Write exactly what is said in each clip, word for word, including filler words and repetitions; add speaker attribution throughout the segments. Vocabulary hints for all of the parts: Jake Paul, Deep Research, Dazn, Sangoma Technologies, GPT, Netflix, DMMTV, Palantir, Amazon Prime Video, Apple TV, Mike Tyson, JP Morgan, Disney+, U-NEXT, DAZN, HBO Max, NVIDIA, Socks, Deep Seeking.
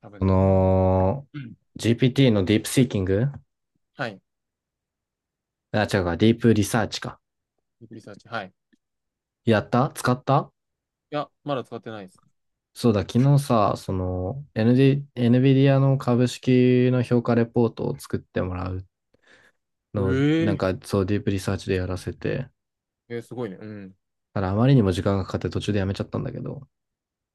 Speaker 1: 多
Speaker 2: そ
Speaker 1: 分ね。
Speaker 2: の、
Speaker 1: うん。
Speaker 2: ジーピーティー のディープシーキング、
Speaker 1: はい。デ
Speaker 2: あ、違うか、ディープリサーチか。
Speaker 1: ィープリサーチ。はい。い
Speaker 2: やった？使った？
Speaker 1: や、まだ使ってないです。
Speaker 2: そうだ、昨日さ、その、エヌディー、NVIDIA の株式の評価レポートを作ってもらうのを、なん
Speaker 1: え
Speaker 2: か、そう、ディープリサーチでやらせて、
Speaker 1: ええーすごいね。うん。
Speaker 2: ただ、あまりにも時間がかかって途中でやめちゃったんだけど、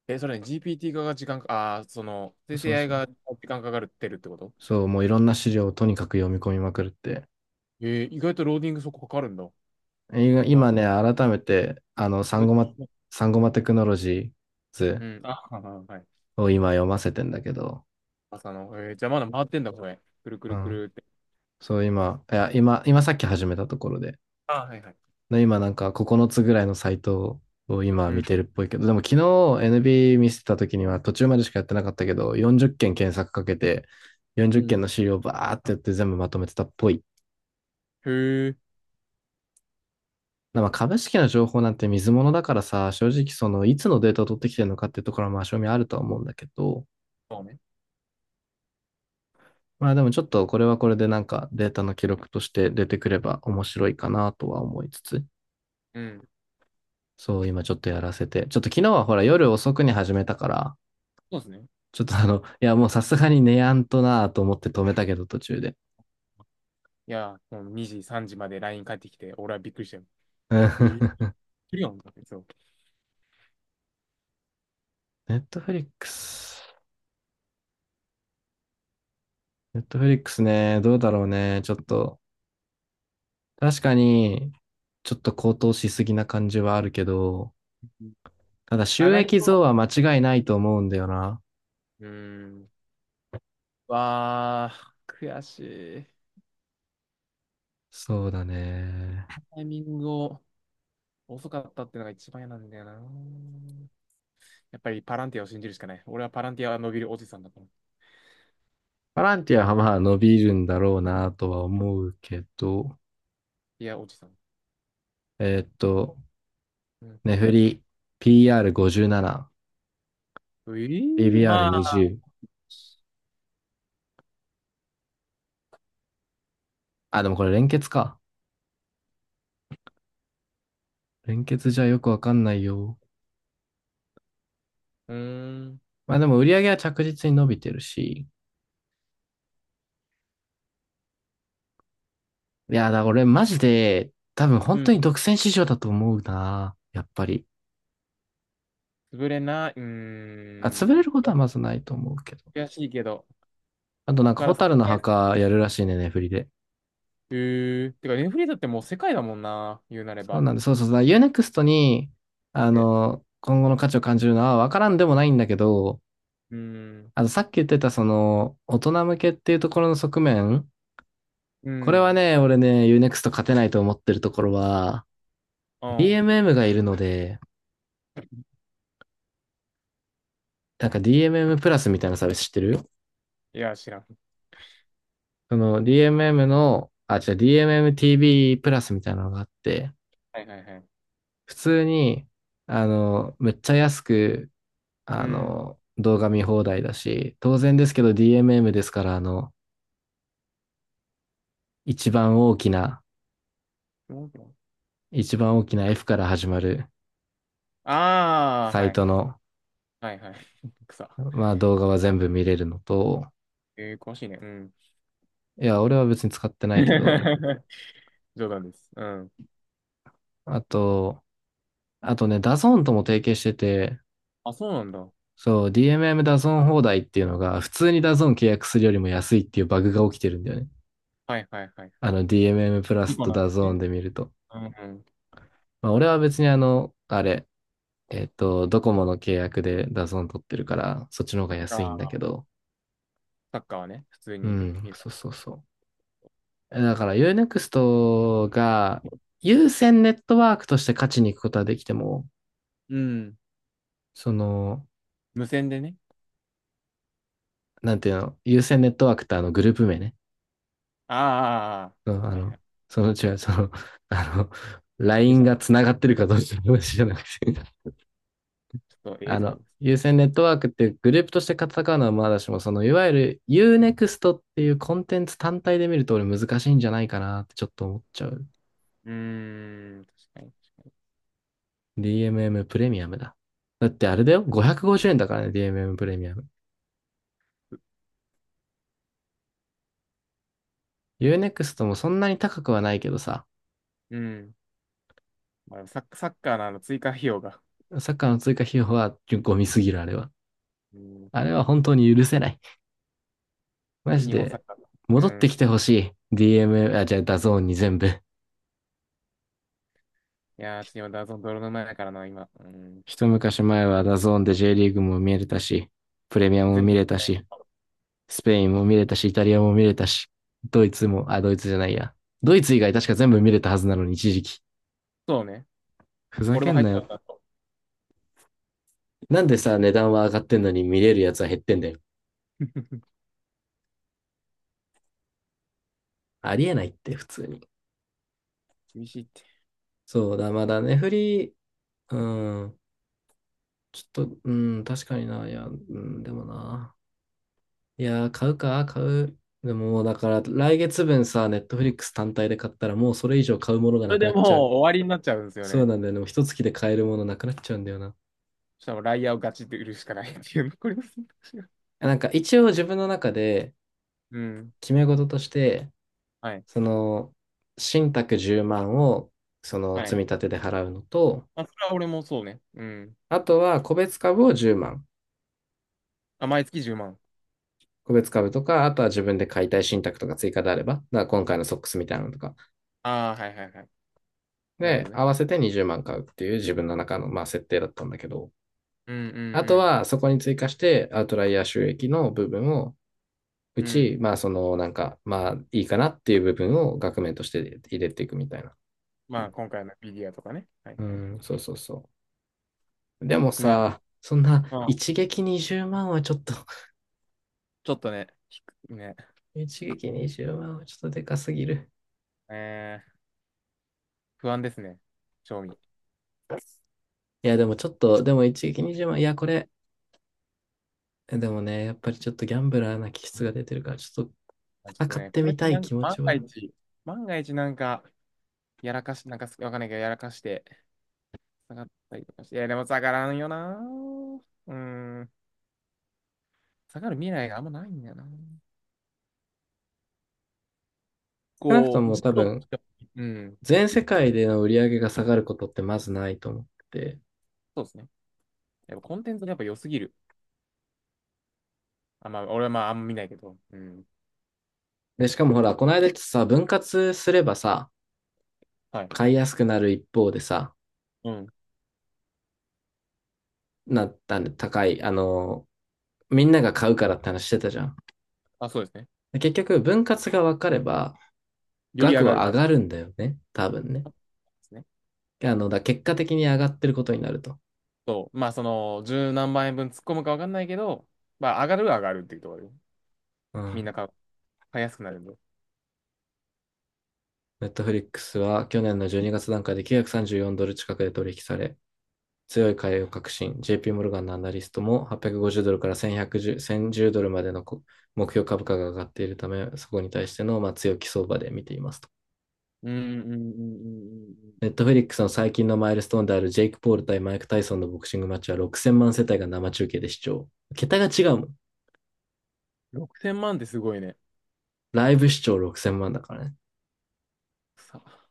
Speaker 1: え、それね、ジーピーティー 化が時間か、ああその、生成
Speaker 2: そう
Speaker 1: エーアイ
Speaker 2: そう。
Speaker 1: が時間かかるってるってこと
Speaker 2: そう、もういろんな資料をとにかく読み込みまくるって。
Speaker 1: えー意外とローディングそこかかるんだ。
Speaker 2: 今
Speaker 1: 意外。
Speaker 2: 今ね、改めて、あの、サンゴマ、サンゴマテ
Speaker 1: う
Speaker 2: ク
Speaker 1: ん
Speaker 2: ノロジー
Speaker 1: う
Speaker 2: ズ
Speaker 1: ん。あ、はい。
Speaker 2: を今読ませてんだけど、
Speaker 1: 朝の、えーじゃあまだ回ってんだ、これ。くるく
Speaker 2: う
Speaker 1: るく
Speaker 2: ん、
Speaker 1: るって。
Speaker 2: そう、今、いや、今、今さっき始めたところで、
Speaker 1: あ、はいはい。
Speaker 2: で今なんかここのつぐらいのサイトを今
Speaker 1: う
Speaker 2: 見
Speaker 1: ん。
Speaker 2: てるっぽいけど、でも昨日 エヌビー 見せてた時には途中までしかやってなかったけど、よんじゅっけん検索かけて、
Speaker 1: う
Speaker 2: よんじゅっけんの
Speaker 1: ん。
Speaker 2: 資料をバーってやって全部まとめてたっぽい。
Speaker 1: へえ。
Speaker 2: まあ株式の情報なんて水物だからさ、正直そのいつのデータを取ってきてるのかっていうところはまあ正味あるとは思うんだけど、
Speaker 1: そうね。
Speaker 2: まあでもちょっとこれはこれでなんかデータの記録として出てくれば面白いかなとは思いつつ。
Speaker 1: うん。
Speaker 2: そう、今ちょっとやらせて。ちょっと昨日はほら夜遅くに始めたから、
Speaker 1: そうですね。
Speaker 2: ちょっとあの、いやもうさすがに寝やんとなぁと思って止めたけど途中で。
Speaker 1: いやー、もうにじ、さんじまで ライン 返ってきて、俺はびっくりしたよ。
Speaker 2: う
Speaker 1: えー、
Speaker 2: ん
Speaker 1: 来るやんだって、そう。
Speaker 2: ネットフリックス。ネットフリックスね、どうだろうね。ちょっと、確かに、ちょっと高騰しすぎな感じはあるけど、ただ
Speaker 1: 上
Speaker 2: 収
Speaker 1: がり
Speaker 2: 益
Speaker 1: そう。
Speaker 2: 増は間違いないと思うんだよな。
Speaker 1: うーん。わあ、悔しい。
Speaker 2: そうだね。
Speaker 1: タイミングを遅かったってのが一番嫌なんだよな。やっぱりパランティアを信じるしかない。俺はパランティアは伸びるおじさんだから。
Speaker 2: パランティアはまあ伸びるんだろうなとは思うけど、
Speaker 1: いや、おじさん。
Speaker 2: えーっと、
Speaker 1: うん。
Speaker 2: ネフリ ピーアールごじゅうなな。
Speaker 1: うい、まあ、
Speaker 2: ビービーアールにじゅう。あ、でもこれ連結か。連結じゃよくわかんないよ。
Speaker 1: うーん、
Speaker 2: まあでも売り上げは着実に伸びてるし。いや、だ、俺マジで、多分本
Speaker 1: う
Speaker 2: 当
Speaker 1: ん。
Speaker 2: に独占市場だと思うな。やっぱり。
Speaker 1: 潰れない、う
Speaker 2: あ、潰
Speaker 1: ー
Speaker 2: れ
Speaker 1: ん。い
Speaker 2: ること
Speaker 1: や
Speaker 2: はまずないと思うけど。
Speaker 1: 悔しいけど、
Speaker 2: あと
Speaker 1: こ
Speaker 2: な
Speaker 1: っ
Speaker 2: んか、
Speaker 1: から
Speaker 2: ホタ
Speaker 1: 救
Speaker 2: ル
Speaker 1: っ
Speaker 2: の
Speaker 1: て、
Speaker 2: 墓やるらしいね、ねフリで。
Speaker 1: うー。てか、ネフリーだってもう世界だもんな、言うなれ
Speaker 2: そう
Speaker 1: ば。
Speaker 2: なんで、そうそうそう。ユーネクストに、あ
Speaker 1: で、
Speaker 2: の、今後の価値を感じるのはわからんでもないんだけど、
Speaker 1: うーん、
Speaker 2: あの、さっき言ってたその、大人向けっていうところの側面、
Speaker 1: う
Speaker 2: これは
Speaker 1: ん、
Speaker 2: ね、俺ね、u n ク x ト勝てないと思ってるところは、
Speaker 1: うん。
Speaker 2: ディーエムエム がいるので、なんか ディーエムエム プラスみたいなサービス知ってる？
Speaker 1: いや、知らん。
Speaker 2: その ディーエムエム の、あ、違う、ディーエムエムティーブイ プラスみたいなのがあって、
Speaker 1: はいはいはい。
Speaker 2: 普通に、あの、めっちゃ安く、
Speaker 1: う
Speaker 2: あ
Speaker 1: ん。
Speaker 2: の、動画見放題だし、当然ですけど ディーエムエム ですから、あの、一番大きな、一番大きな F から始まる
Speaker 1: ああ、
Speaker 2: サイ
Speaker 1: はい。
Speaker 2: トの、
Speaker 1: はいはい。草。
Speaker 2: まあ動画は全部見れるのと、
Speaker 1: えー、詳しいね。うん。
Speaker 2: いや、俺は別に使ってないけど、
Speaker 1: 冗談です。うん。
Speaker 2: あと、あとね、ダゾーンとも提携してて、
Speaker 1: あ、そうなんだ。は
Speaker 2: そう、ディーエムエム ダゾーン放題っていうのが、普通にダゾーン契約するよりも安いっていうバグが起きてるんだよね。
Speaker 1: いはいはいはい。
Speaker 2: あの、ディーエムエム プラ
Speaker 1: リ
Speaker 2: ス
Speaker 1: コ
Speaker 2: と
Speaker 1: なの
Speaker 2: ダゾーン
Speaker 1: ね。
Speaker 2: で見ると。
Speaker 1: うんうん。
Speaker 2: まあ、俺は別にあの、あれ、えっと、ドコモの契約でダゾーン取ってるから、そっちの方が
Speaker 1: あ
Speaker 2: 安いんだけ
Speaker 1: あ、
Speaker 2: ど。
Speaker 1: サッカーはね、普通
Speaker 2: う
Speaker 1: に
Speaker 2: ん、
Speaker 1: 見る。
Speaker 2: そうそうそう。だから Unext が優先ネットワークとして勝ちに行くことはできても、
Speaker 1: うん。
Speaker 2: その、
Speaker 1: 無線でね。
Speaker 2: なんていうの、優先ネットワークってあのグループ名ね。
Speaker 1: あ
Speaker 2: そう、あ
Speaker 1: あ、はいは
Speaker 2: の、
Speaker 1: い。
Speaker 2: その、違う、その、あの、
Speaker 1: 僕
Speaker 2: ライン
Speaker 1: じゃんち
Speaker 2: が繋がってるかどうかの話じゃなくて、
Speaker 1: ょっと、ええ
Speaker 2: あ
Speaker 1: と思
Speaker 2: の、
Speaker 1: います。
Speaker 2: 有線ネットワークってグループとして戦うのはまだしも、その、いわゆる Unext っていうコンテンツ単体で見ると俺難しいんじゃないかなってちょっと思っちゃう。
Speaker 1: うーん、確かに、確か
Speaker 2: ディーエムエム プレミアムだ。だってあれだよ、ごひゃくごじゅうえんだからね、ディーエムエム プレミアム。Unext もそんなに高くはないけどさ、
Speaker 1: に。うん。まあ、サッ、サッカーのあの追加費用が。
Speaker 2: サッカーの追加費用はゴミすぎる、あれは。
Speaker 1: うん。
Speaker 2: あれは本当に許せない。マ
Speaker 1: はい、
Speaker 2: ジ
Speaker 1: 日本サ
Speaker 2: で、
Speaker 1: ッカーだ。う
Speaker 2: 戻ってき
Speaker 1: ん。
Speaker 2: てほしい。ディーエム、あ、じゃあ、ダゾーンに全部。
Speaker 1: いやー、ちょっと今、ダゾーン泥沼やからな、今。うん。
Speaker 2: 一昔前はダゾーンで J リーグも見れたし、プレミアムも
Speaker 1: 全
Speaker 2: 見
Speaker 1: 部。
Speaker 2: れたし、スペインも見れたし、イタリアも見れたし、ドイツも、あ、ドイツじゃないや。ドイツ以外確か全部見れたはずなのに、一時期。
Speaker 1: そうね。
Speaker 2: ふざ
Speaker 1: 俺
Speaker 2: け
Speaker 1: も
Speaker 2: ん
Speaker 1: 入っ
Speaker 2: な
Speaker 1: たん
Speaker 2: よ。
Speaker 1: だと。
Speaker 2: なんでさ、値段は上がってんのに見れるやつは減ってんだよ。ありえないって、普通に。
Speaker 1: 厳しいって。
Speaker 2: そうだ、まだね、フリー、うん、ちょっと、うん、確かにな、いや、うん、でもな。いやー、買うか、買う。でももうだから、来月分さ、ネットフリックス単体で買ったら、もうそれ以上買うものが
Speaker 1: そ
Speaker 2: な
Speaker 1: れ
Speaker 2: く
Speaker 1: で
Speaker 2: なっ
Speaker 1: もう
Speaker 2: ちゃう。
Speaker 1: 終わりになっちゃうんですよ
Speaker 2: そう
Speaker 1: ね。
Speaker 2: なんだよね。もう一月で買えるものなくなっちゃうんだよな。
Speaker 1: そしたらもうライアーをガチって売るしかないっていう残りの選択肢が。
Speaker 2: なんか一応自分の中で
Speaker 1: うん。
Speaker 2: 決め事として、
Speaker 1: はい。
Speaker 2: その、信託じゅうまんを、その、
Speaker 1: は
Speaker 2: 積み
Speaker 1: い。
Speaker 2: 立てで払うのと、
Speaker 1: まあ、それは俺もそうね。うん。
Speaker 2: あとは個別株をじゅうまん。
Speaker 1: あ、毎月じゅうまん。
Speaker 2: 個別株とか、あとは自分で買いたい信託とか追加であれば、だから今回のソックスみたいなのとか、
Speaker 1: ああ、はいはいはい。なる
Speaker 2: で、
Speaker 1: ほどね。
Speaker 2: 合わせてにじゅうまん買うっていう自分の中の、まあ、設定だったんだけど、
Speaker 1: うん
Speaker 2: あと
Speaker 1: うん
Speaker 2: は、そこに追加して、アウトライヤー収益の部分を、う
Speaker 1: うん。うん。
Speaker 2: ち、まあ、その、なんか、まあ、いいかなっていう部分を額面として入れていくみたいな。
Speaker 1: まあ、今回のフィギュアとかね。はい
Speaker 2: う
Speaker 1: はい。
Speaker 2: ん、そうそうそう。でも
Speaker 1: なる。
Speaker 2: さ、そんな、
Speaker 1: まあ、
Speaker 2: 一撃にじゅうまんはちょっと
Speaker 1: ちょっとね、ひくね、
Speaker 2: 一撃にじゅうまんはちょっとでかすぎる。
Speaker 1: えー、不安ですね。賞味。
Speaker 2: いや、でもちょっと、でも一撃にじゅうまん、いや、これ、でもね、やっぱりちょっとギャンブラーな気質が出てるから、ちょっと
Speaker 1: あ、ちょっと
Speaker 2: 戦っ
Speaker 1: ね、
Speaker 2: て
Speaker 1: これっ
Speaker 2: み
Speaker 1: て
Speaker 2: た
Speaker 1: な
Speaker 2: い
Speaker 1: んか
Speaker 2: 気持
Speaker 1: 万
Speaker 2: ち
Speaker 1: が
Speaker 2: は。
Speaker 1: 一、万が一なんか、やらかし、なんかすわかんないけど、やらかして、下がったりとかして。いや、でも下がらんよな。うん。下がる未来があんまないんだよな。
Speaker 2: 少なくと
Speaker 1: こう、
Speaker 2: も
Speaker 1: ずっ
Speaker 2: 多
Speaker 1: と、
Speaker 2: 分、
Speaker 1: うん。
Speaker 2: 全世界での売り上げが下がることってまずないと思ってて、
Speaker 1: そうですね。やっぱコンテンツがやっぱ良すぎる。あ、まあ、俺はまあ、あんま見ないけど。うん。
Speaker 2: で、しかもほら、この間ってさ、分割すればさ、
Speaker 1: はい。
Speaker 2: 買いやすくなる一方でさ、
Speaker 1: うん。
Speaker 2: なったんで高い、あの、みんなが買うからって話してたじゃん。
Speaker 1: あ、そうですね。
Speaker 2: で結局、分割が分かれば、
Speaker 1: より上
Speaker 2: 額
Speaker 1: がる、
Speaker 2: は上
Speaker 1: まあ、で
Speaker 2: がるんだよね。多分ね。
Speaker 1: すね。
Speaker 2: あの、だ、結果的に上がってることになると。
Speaker 1: そう。まあ、その、十何万円分突っ込むかわかんないけど、まあ、上がるは上がるっていうところで。
Speaker 2: う
Speaker 1: みんな
Speaker 2: ん。
Speaker 1: 買う、買いやすくなるんで。
Speaker 2: ネットフリックスは去年のじゅうにがつ段階できゅうひゃくさんじゅうよんドル近くで取引され、強い買いを確信。ジェイピー モルガンのアナリストもはっぴゃくごじゅうドルからせんひゃくじゅう いち ゼロドルまでの目標株価が上がっているため、そこに対してのまあ強気相場で見ていますと。
Speaker 1: うん、うん、うん、うん、うん。うん。
Speaker 2: ネットフェリックスの最近のマイルストーンであるジェイク・ポール対マイク・タイソンのボクシングマッチはろくせんまん世帯が生中継で視聴。桁が違うもん。
Speaker 1: ろくせんまんってすごいね。
Speaker 2: ライブ視聴ろくせんまんだからね。
Speaker 1: さ、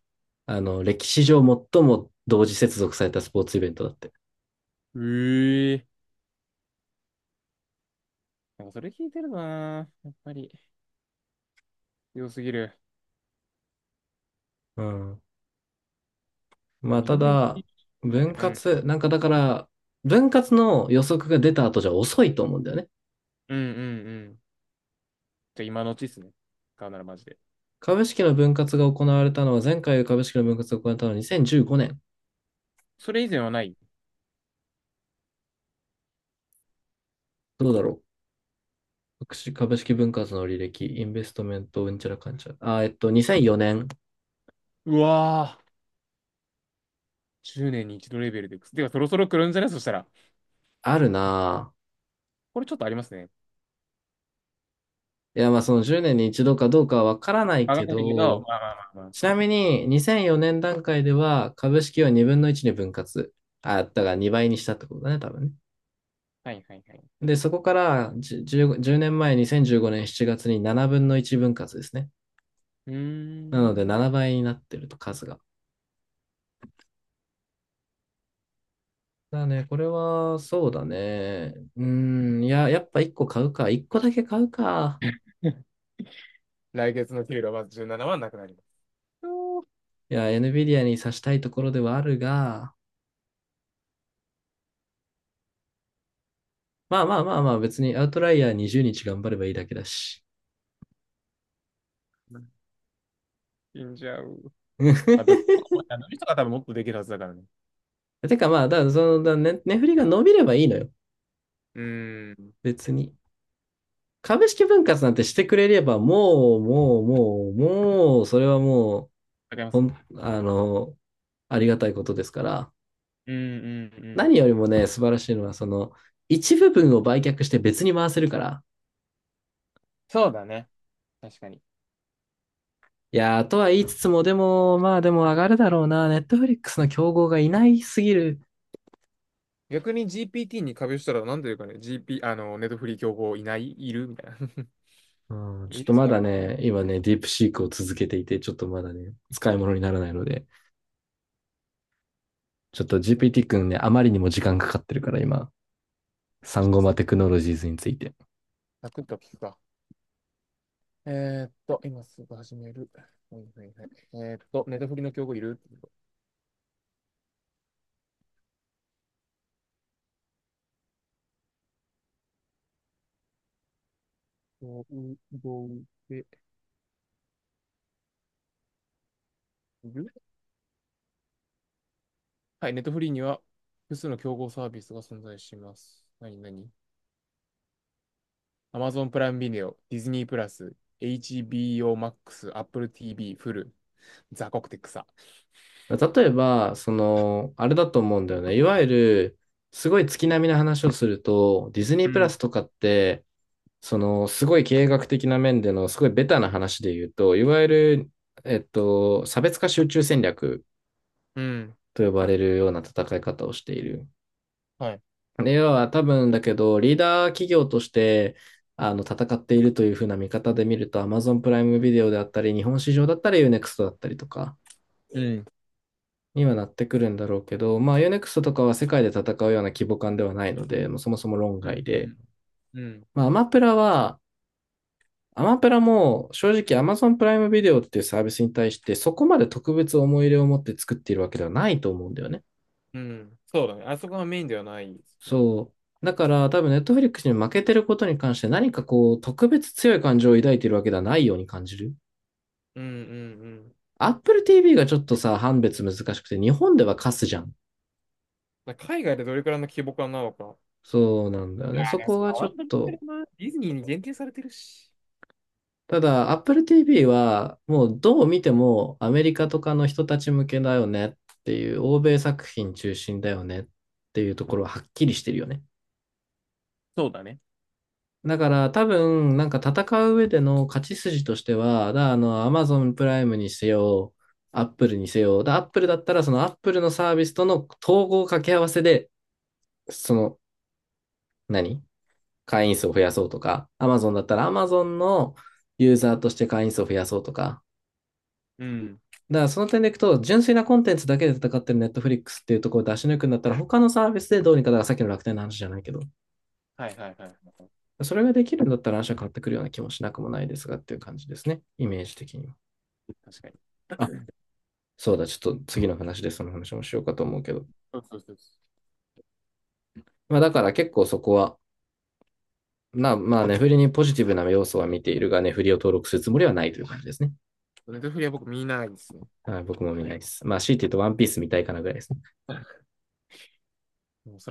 Speaker 2: あの、歴史上最も同時接続されたスポーツイベントだって。
Speaker 1: ええ、なんかそれ聞いてるな。やっぱり。強すぎる。
Speaker 2: うん。
Speaker 1: いや
Speaker 2: まあ、
Speaker 1: 二
Speaker 2: た
Speaker 1: 刀流
Speaker 2: だ、
Speaker 1: の
Speaker 2: 分
Speaker 1: ね、俺うん。
Speaker 2: 割、なんかだから、分割の予測が出た後じゃ遅いと思うんだよね。
Speaker 1: うんうんうん。じゃあ今のうちっすね。買うならマジで。
Speaker 2: 株式の分割が行われたのは、前回株式の分割が行われたのはにせんじゅうごねん。
Speaker 1: それ以前はない、
Speaker 2: どうだろう株式分割の履歴、インベストメント、うんちゃらかんちゃら。あ、えっと、にせんよねん。
Speaker 1: うわぁ。じゅうねんに一度レベルで。ではそろそろ来るんじゃないそしたら。
Speaker 2: あるな
Speaker 1: これちょっとありますね。
Speaker 2: ぁ。いや、まあ、そのじゅうねんに一度かどうかはわからない
Speaker 1: わか
Speaker 2: け
Speaker 1: んないけど、
Speaker 2: ど、
Speaker 1: まあまあまあま
Speaker 2: ちなみににせんよねん段階では株式をにぶんのいちに分割。あ、だからにばいにしたってことだね、多分ね。
Speaker 1: あ。はいはいはい。
Speaker 2: で、そこからじゅ じゅう, じゅうねんまえ、にせんじゅうごねんしちがつにななぶんのいち割ですね。
Speaker 1: うー
Speaker 2: なので
Speaker 1: ん。
Speaker 2: ななばいになってると数が。だね、これは、そうだね。うーん、いや、やっぱいっこ買うか。いっこだけ買うか。
Speaker 1: 来月の給料はじゅうななまんななはなくなります。お
Speaker 2: いや、NVIDIA に刺したいところではあるが、まあまあまあまあ、別にアウトライヤーはつか頑張ればいいだけだし。
Speaker 1: ーん、死んじゃう。まあ、どれ も、あの人が多分もっとできるはずだからね。
Speaker 2: てかまあ、だ、その、だ、ね、値振りが伸びればいいのよ。
Speaker 1: うーん。わ
Speaker 2: 別に。株式分割なんてしてくれれば、もう、もう、もう、もう、それはもう、
Speaker 1: かりま
Speaker 2: ほ
Speaker 1: す。
Speaker 2: ん、あの、ありがたいことですから。
Speaker 1: うんうんうん。
Speaker 2: 何よりもね、素晴らしいのは、その、一部分を売却して別に回せるから。
Speaker 1: そうだね。確かに。
Speaker 2: いやー、とは言いつつも、でも、まあでも上がるだろうな。ネットフリックスの競合がいないすぎる。
Speaker 1: 逆に ジーピーティー に壁したらなんていうかね、ジーピー、あの、ネットフリー競合いないいるみたいな。
Speaker 2: うん、ちょ
Speaker 1: い
Speaker 2: っ
Speaker 1: る
Speaker 2: と
Speaker 1: そ
Speaker 2: ま
Speaker 1: う
Speaker 2: だ
Speaker 1: やな。
Speaker 2: ね、今ね、ディープシークを続けていて、ちょっとまだね、使い物にならないので、ちょっ
Speaker 1: ち
Speaker 2: と
Speaker 1: ょっ
Speaker 2: ジーピーティー 君ね、あまりにも時間かかってるから、今、サンゴ
Speaker 1: と
Speaker 2: マ
Speaker 1: サ
Speaker 2: テ
Speaker 1: ク
Speaker 2: クノロジーズについて。
Speaker 1: サッと聞くか。えーっと、今すぐ始める。はいはいはい。えーっと、ネットフリーの競合いる競合でいる、はい、ネットフリーには複数の競合サービスが存在します。何何？ Amazon プライムビデオ、ディズニープラス、エイチビーオー Max、Apple ティーブイ、フル、ザコクテクサ。
Speaker 2: 例えば、その、あれだと思うんだよね。いわゆる、すごい月並みな話をすると、ディズニ
Speaker 1: う
Speaker 2: ープラ
Speaker 1: ん。
Speaker 2: スとかって、その、すごい経営学的な面での、すごいベタな話で言うと、いわゆる、えっと、差別化集中戦略
Speaker 1: うん。
Speaker 2: と呼ばれるような戦い方をしている。
Speaker 1: はい。
Speaker 2: で要は多分だけど、リーダー企業として、あの、戦っているというふうな見方で見ると、Amazon プライムビデオであったり、日本市場だったり、Unext だったりとか
Speaker 1: うん。
Speaker 2: にはなってくるんだろうけど、まあ、Unext とかは世界で戦うような規模感ではないので、もうそもそも論
Speaker 1: う
Speaker 2: 外
Speaker 1: ん、う
Speaker 2: で、
Speaker 1: ん、うん、
Speaker 2: まあ、アマプラは、アマプラも正直 Amazon プライムビデオっていうサービスに対してそこまで特別思い入れを持って作っているわけではないと思うんだよね。
Speaker 1: うん。そうだね。あそこがメインではないですね。
Speaker 2: そう。だから多分 Netflix に負けてることに関して何かこう特別強い感情を抱いているわけではないように感じる。
Speaker 1: うん、うん、うん。
Speaker 2: Apple ティーブイ がちょっとさ、判別難しくて日本ではカスじゃん。
Speaker 1: だから海外でどれくらいの規模感なのか。
Speaker 2: そうなんだよね。
Speaker 1: あ、
Speaker 2: そ
Speaker 1: でも
Speaker 2: こ
Speaker 1: そんな
Speaker 2: がちょ
Speaker 1: ワール
Speaker 2: っ
Speaker 1: ドカッ
Speaker 2: と
Speaker 1: プだな。ディズニーに限定されてるし。
Speaker 2: ただ、Apple ティーブイ は、もうどう見てもアメリカとかの人たち向けだよねっていう、欧米作品中心だよねっていうところははっきりしてるよね。
Speaker 1: そうだね。
Speaker 2: だから多分、なんか戦う上での勝ち筋としては、だからあの、Amazon プライムにせよ、Apple にせよ、だ Apple だったらその Apple のサービスとの統合掛け合わせで、その、何会員数を増やそうとか、Amazon だったら Amazon のユーザーとして会員数を増やそうとか、
Speaker 1: うん。
Speaker 2: だからその点でいくと、純粋なコンテンツだけで戦ってるネットフリックスっていうところを出し抜くんだったら、他のサービスでどうにか、だからさっきの楽天の話じゃないけど、
Speaker 1: はいはいはいはい。
Speaker 2: それができるんだったら話は変わってくるような気もしなくもないですがっていう感じですね。イメージ的には。
Speaker 1: 確かに。
Speaker 2: あ、そうだ、ちょっと次の話でその話もしようかと思うけど。
Speaker 1: そうそうそうそ
Speaker 2: まあだから結構そこは、な、まあ、ネフリにポジティブな要素は見ているが、ネフリを登録するつもりはないという感じですね。
Speaker 1: う。ネットフリは僕見ないですね。
Speaker 2: ああ僕も見ないです。まあ、強いて言うとワンピース見たいかなぐらいですね。
Speaker 1: もうそれは